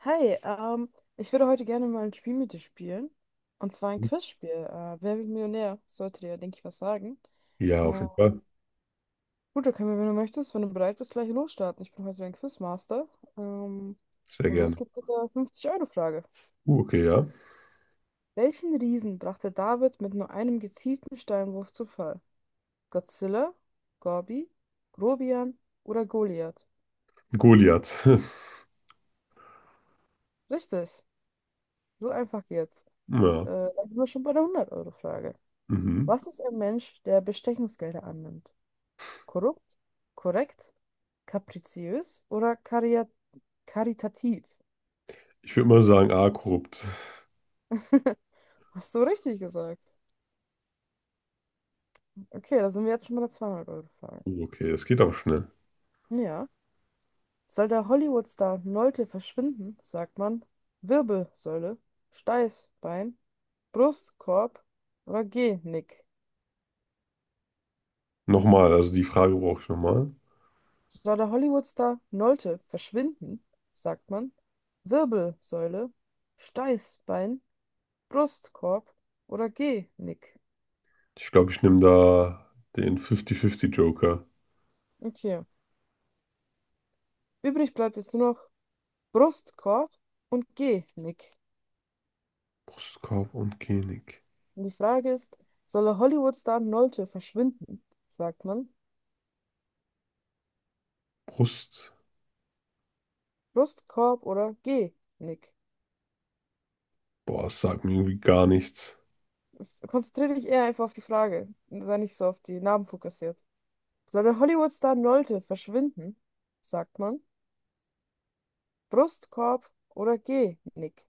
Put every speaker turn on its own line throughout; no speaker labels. Hi, ich würde heute gerne mal ein Spiel mit dir spielen. Und zwar ein Quizspiel. Wer wird Millionär? Sollte dir, denke ich, was sagen.
Ja, auf
Äh,
jeden Fall.
gut, da können wir, wenn du möchtest, wenn du bereit bist, gleich losstarten. Ich bin heute dein Quizmaster. Ähm,
Sehr
und los
gerne.
geht's mit der 50-Euro-Frage.
Okay, ja.
Welchen Riesen brachte David mit nur einem gezielten Steinwurf zu Fall? Godzilla, Gobi, Grobian oder Goliath?
Goliath.
Richtig, so einfach geht's.
Ja.
Dann sind wir schon bei der 100-Euro-Frage.
Mhm.
Was ist ein Mensch, der Bestechungsgelder annimmt? Korrupt, korrekt, kapriziös oder karitativ?
Ich würde mal sagen, A, korrupt.
Hast du richtig gesagt. Okay, da sind wir jetzt schon bei der 200-Euro-Frage.
Okay, das geht aber schnell.
Ja. Soll der Hollywood-Star Nolte verschwinden, sagt man Wirbelsäule, Steißbein, Brustkorb oder Genick?
Nochmal, also die Frage brauche ich nochmal.
Soll der Hollywood-Star Nolte verschwinden, sagt man Wirbelsäule, Steißbein, Brustkorb oder Genick?
Ich glaube, ich nehme da den 50-50 Joker.
Okay. Übrig bleibt jetzt nur noch Brustkorb und Genick.
Brustkorb und Genik.
Und die Frage ist, soll der Hollywood-Star Nolte verschwinden? Sagt man
Brust.
Brustkorb oder Genick?
Boah, das sagt mir irgendwie gar nichts.
Konzentriere dich eher einfach auf die Frage. Sei nicht so auf die Namen fokussiert. Soll der Hollywood-Star Nolte verschwinden? Sagt man Brustkorb oder Genick?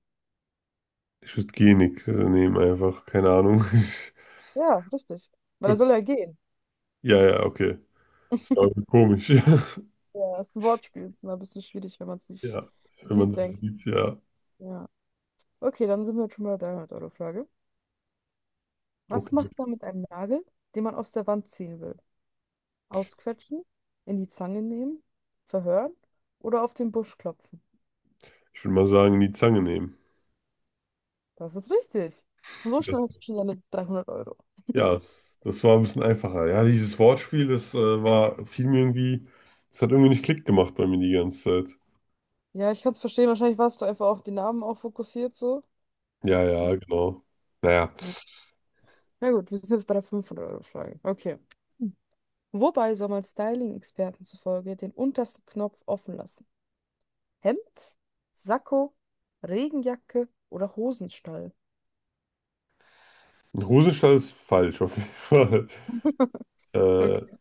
Ich würde Genik nehmen einfach. Keine Ahnung.
Ja, richtig. Weil er
Okay.
soll ja gehen.
Ja, ja, okay. Das war irgendwie komisch.
Ja, das ist ein Wortspiel. Ist immer ein bisschen schwierig, wenn man es nicht
Ja, wenn man
sieht,
das
denke
sieht, ja.
ja. Okay, dann sind wir jetzt schon bei der 300-Euro-Frage. Was
Okay.
macht man mit einem Nagel, den man aus der Wand ziehen will? Ausquetschen, in die Zange nehmen, verhören oder auf den Busch klopfen?
Ich würde mal sagen, die Zange nehmen.
Das ist richtig. So schnell hast du schon deine 300 Euro.
Ja, das war ein bisschen einfacher. Ja, dieses Wortspiel, das war, fiel mir irgendwie, das hat irgendwie nicht Klick gemacht bei mir die ganze Zeit.
Ja, ich kann es verstehen. Wahrscheinlich warst du einfach auch den Namen auch fokussiert so.
Ja, ja,
Hm,
genau. Naja,
ja. Na gut, wir sind jetzt bei der 500-Euro-Frage. Okay. Hm. Wobei soll man Styling-Experten zufolge den untersten Knopf offen lassen? Hemd, Sakko, Regenjacke oder Hosenstall?
ein Hosenstall ist falsch auf jeden Fall. Äh,
Okay.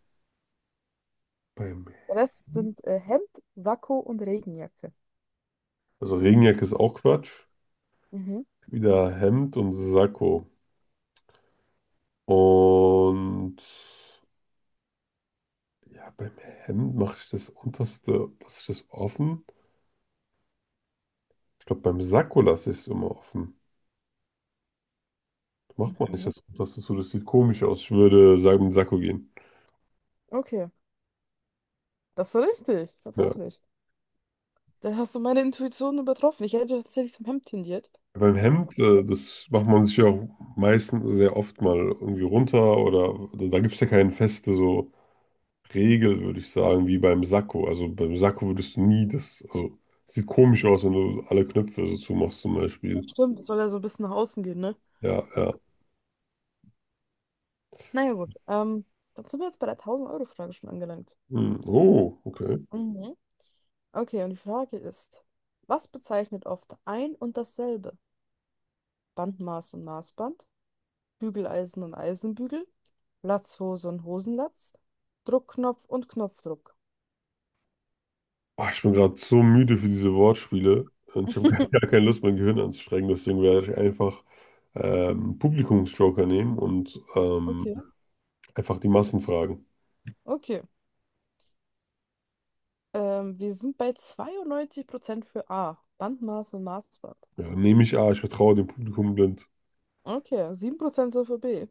beim,
Der Rest sind Hemd, Sakko und Regenjacke.
also Regenjacke ist auch Quatsch.
Mhm.
Wieder Hemd und Sakko. Und ja, beim Hemd mache ich das unterste, lasse ich das offen. Ich glaube, beim Sakko lasse ich es immer offen. Macht man nicht
Mhm.
das unterste zu, das sieht komisch aus. Ich würde sagen, mit Sakko gehen.
Okay, das war richtig,
Ja.
tatsächlich. Da hast du meine Intuition übertroffen. Ich hätte tatsächlich zum Hemd tendiert.
Beim
Aber
Hemd, das macht man sich ja auch meistens sehr oft mal irgendwie runter oder da gibt es ja keine feste so Regel, würde ich sagen, wie beim Sakko. Also beim Sakko würdest du nie das, also es sieht komisch aus, wenn du alle Knöpfe so zumachst zum
das
Beispiel.
stimmt, das soll ja so ein bisschen nach außen gehen, ne?
Ja, ja.
Naja, gut. Dann sind wir jetzt bei der 1000-Euro-Frage schon angelangt.
Hm, oh, okay.
Mhm. Okay, und die Frage ist: Was bezeichnet oft ein und dasselbe? Bandmaß und Maßband, Bügeleisen und Eisenbügel, Latzhose und Hosenlatz, Druckknopf und Knopfdruck.
Ah, ich bin gerade so müde für diese Wortspiele und ich habe gar keine Lust, mein Gehirn anzustrengen, deswegen werde ich einfach Publikumsjoker nehmen und
Okay.
einfach die Massen fragen.
Okay. Wir sind bei 92% für A. Bandmaß und Maßband.
Ja, nehme ich an, ich vertraue dem Publikum blind.
Okay, 7% sind für B.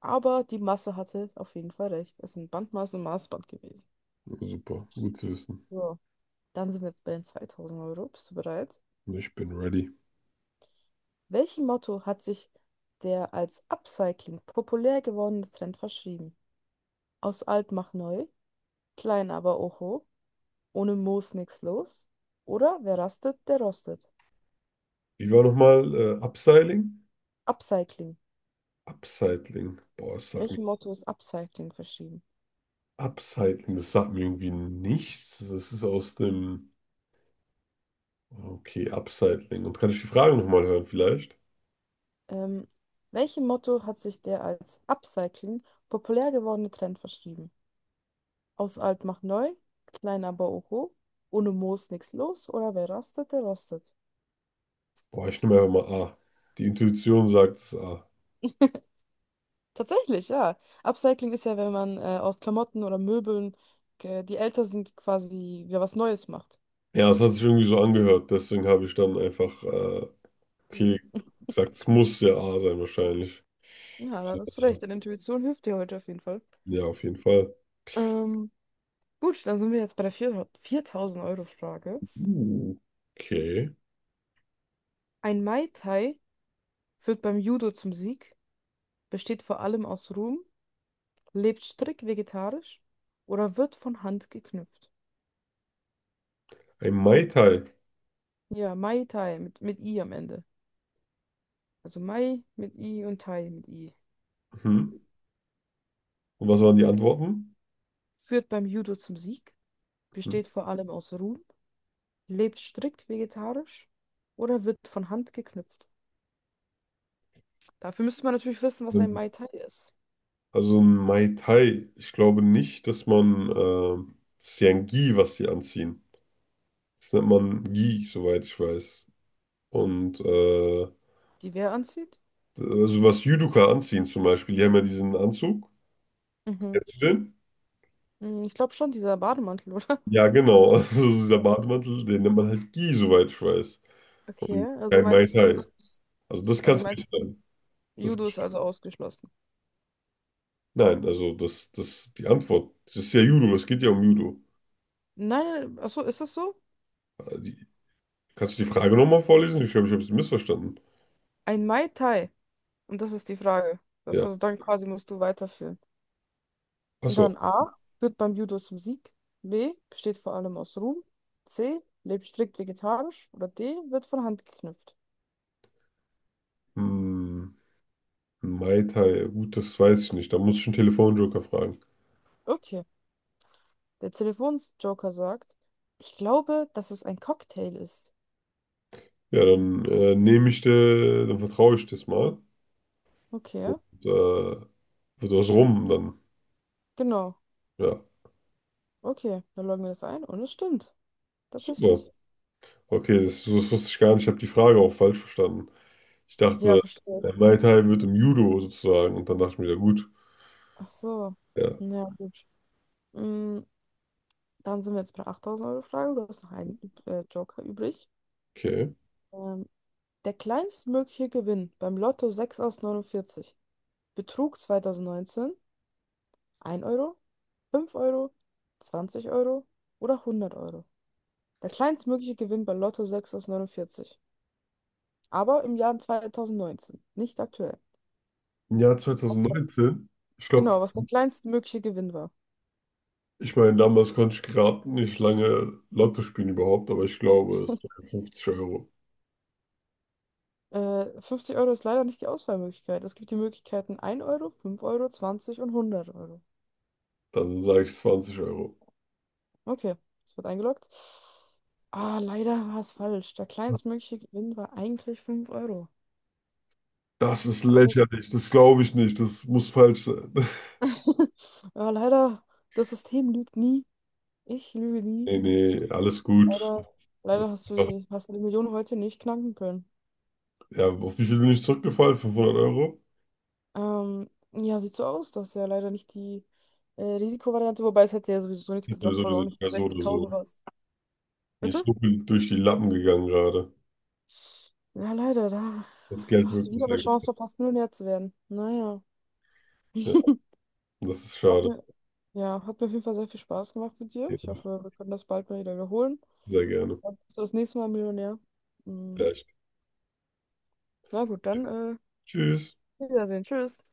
Aber die Masse hatte auf jeden Fall recht. Es sind Bandmaß und Maßband gewesen.
Ja, super, gut zu wissen.
So, dann sind wir jetzt bei den 2000 Euro. Bist du bereit?
Ich bin ready.
Welchem Motto hat sich der als Upcycling populär gewordene Trend verschrieben? Aus alt macht neu, klein aber oho, ohne Moos nix los. Oder wer rastet, der rostet.
Wie war nochmal Upstyling?
Upcycling.
Upcycling. Boah, das sagt mir.
Welchem Motto ist Upcycling verschrieben?
Upcycling, das sagt mir irgendwie nichts. Das ist aus dem. Okay, Upcycling. Und kann ich die Frage nochmal hören, vielleicht?
Ähm, welchem Motto hat sich der als Upcycling populär gewordene Trend verschrieben? Aus alt macht neu, klein aber oho, ohne Moos nix los oder wer rastet, der rostet.
Boah, ich nehme einfach mal A. Die Intuition sagt es A.
Tatsächlich, ja. Upcycling ist ja, wenn man aus Klamotten oder Möbeln, die älter sind, quasi wieder was Neues macht.
Ja, es hat sich irgendwie so angehört. Deswegen habe ich dann einfach, okay, gesagt, es muss ja A sein, wahrscheinlich.
Ja, da hast du
Ja,
recht. Deine Intuition hilft dir heute auf jeden Fall.
ja auf jeden Fall.
Ähm, gut, dann sind wir jetzt bei der 4000-Euro-Frage.
Uh, okay.
Ein Mai Tai führt beim Judo zum Sieg, besteht vor allem aus Rum, lebt strikt vegetarisch oder wird von Hand geknüpft.
Ein Mai Tai.
Ja, Mai Tai mit I am Ende. Also Mai mit I und Tai mit I.
Mhm. Und was waren die Antworten?
Führt beim Judo zum Sieg, besteht vor allem aus Rum, lebt strikt vegetarisch oder wird von Hand geknüpft. Dafür müsste man natürlich wissen, was ein
Mhm.
Mai Tai ist.
Also ein Mai Tai. Ich glaube nicht, dass das ist ja ein Gi, was die anziehen. Das nennt man Gi, soweit ich weiß. Und
Die wer anzieht?
also was Judoka anziehen zum Beispiel, die haben ja diesen Anzug.
Mhm.
Kennst du den?
Hm, ich glaube schon, dieser Bademantel, oder?
Ja, genau. Also dieser
Ja.
Bademantel, den nennt man halt Gi, soweit ich weiß.
Okay,
Und
also
kein Mai
meinst du,
Tai.
das ist,
Also das kann
also
es
meinst
nicht
du,
sein. Das,
Judo ist also ausgeschlossen?
nein, also die Antwort, das ist ja Judo, es geht ja um Judo.
Nein, achso, ist das so?
Kannst du die Frage nochmal vorlesen? Ich glaube, ich habe sie missverstanden.
Ein Mai Tai. Und das ist die Frage. Das
Ja.
also dann quasi musst du weiterführen. Und
Achso.
dann A führt beim Judo zum Sieg. B besteht vor allem aus Ruhm. C lebt strikt vegetarisch. Oder D wird von Hand geknüpft.
Hm, Mai Tai. Gut, das weiß ich nicht. Da muss ich einen Telefonjoker fragen.
Okay. Der Telefonsjoker sagt, ich glaube, dass es ein Cocktail ist.
Ja, dann nehme ich dir, dann vertraue ich das mal.
Okay,
Und wird was rum dann.
genau.
Ja.
Okay, dann loggen wir das ein und es stimmt.
Super.
Tatsächlich.
Okay, das wusste ich gar nicht. Ich habe die Frage auch falsch verstanden. Ich
Ja,
dachte,
verstehe ich.
Mai Tai wird im Judo sozusagen. Und dann dachte ich mir, ja gut.
Ach so.
Ja,
Ja, gut. Mm, dann sind wir jetzt bei der 8000-Euro-Frage. Du hast noch einen Joker übrig.
okay.
Ähm, Der kleinstmögliche Gewinn beim Lotto 6 aus 49 betrug 2019 1 Euro, 5 Euro, 20 Euro oder 100 Euro. Der kleinstmögliche Gewinn bei Lotto 6 aus 49, aber im Jahr 2019, nicht aktuell.
Im Jahr 2019, ich glaube,
Genau, was der kleinstmögliche Gewinn war.
ich meine, damals konnte ich gerade nicht lange Lotto spielen überhaupt, aber ich glaube, es waren 50 Euro.
50 Euro ist leider nicht die Auswahlmöglichkeit. Es gibt die Möglichkeiten 1 Euro, 5 Euro, 20 und 100 Euro.
Dann sage ich 20 Euro.
Okay, es wird eingeloggt. Ah, leider war es falsch. Der kleinstmögliche Gewinn war eigentlich 5 Euro.
Das ist
Damit,
lächerlich, das glaube ich nicht, das muss falsch sein.
ja, leider, das System lügt nie. Ich lüge nie.
Nee, nee, alles gut.
Leider, leider hast du die Million heute nicht knacken können.
Ja, auf wie viel bin ich zurückgefallen? 500 Euro?
Ja, sieht so aus, dass ja leider nicht die Risikovariante, wobei es hätte ja sowieso nichts
Ich
gebracht,
sowieso
weil du auch
nicht
nicht bei
mehr so oder so.
16.000 warst.
Mir
Bitte?
ist so viel durch die Lappen gegangen gerade.
Ja, leider,
Das Geld
da hast du wieder
wirklich
eine
sehr gut.
Chance verpasst, Millionär zu werden. Naja.
Ja, das ist
Hat
schade.
mir, ja, hat mir auf jeden Fall sehr viel Spaß gemacht mit dir.
Ja,
Ich hoffe, wir können das bald mal wieder wiederholen.
sehr gerne.
Dann bist du das nächste Mal Millionär. Mm.
Vielleicht.
Na gut, dann.
Tschüss.
Wiedersehen. Tschüss.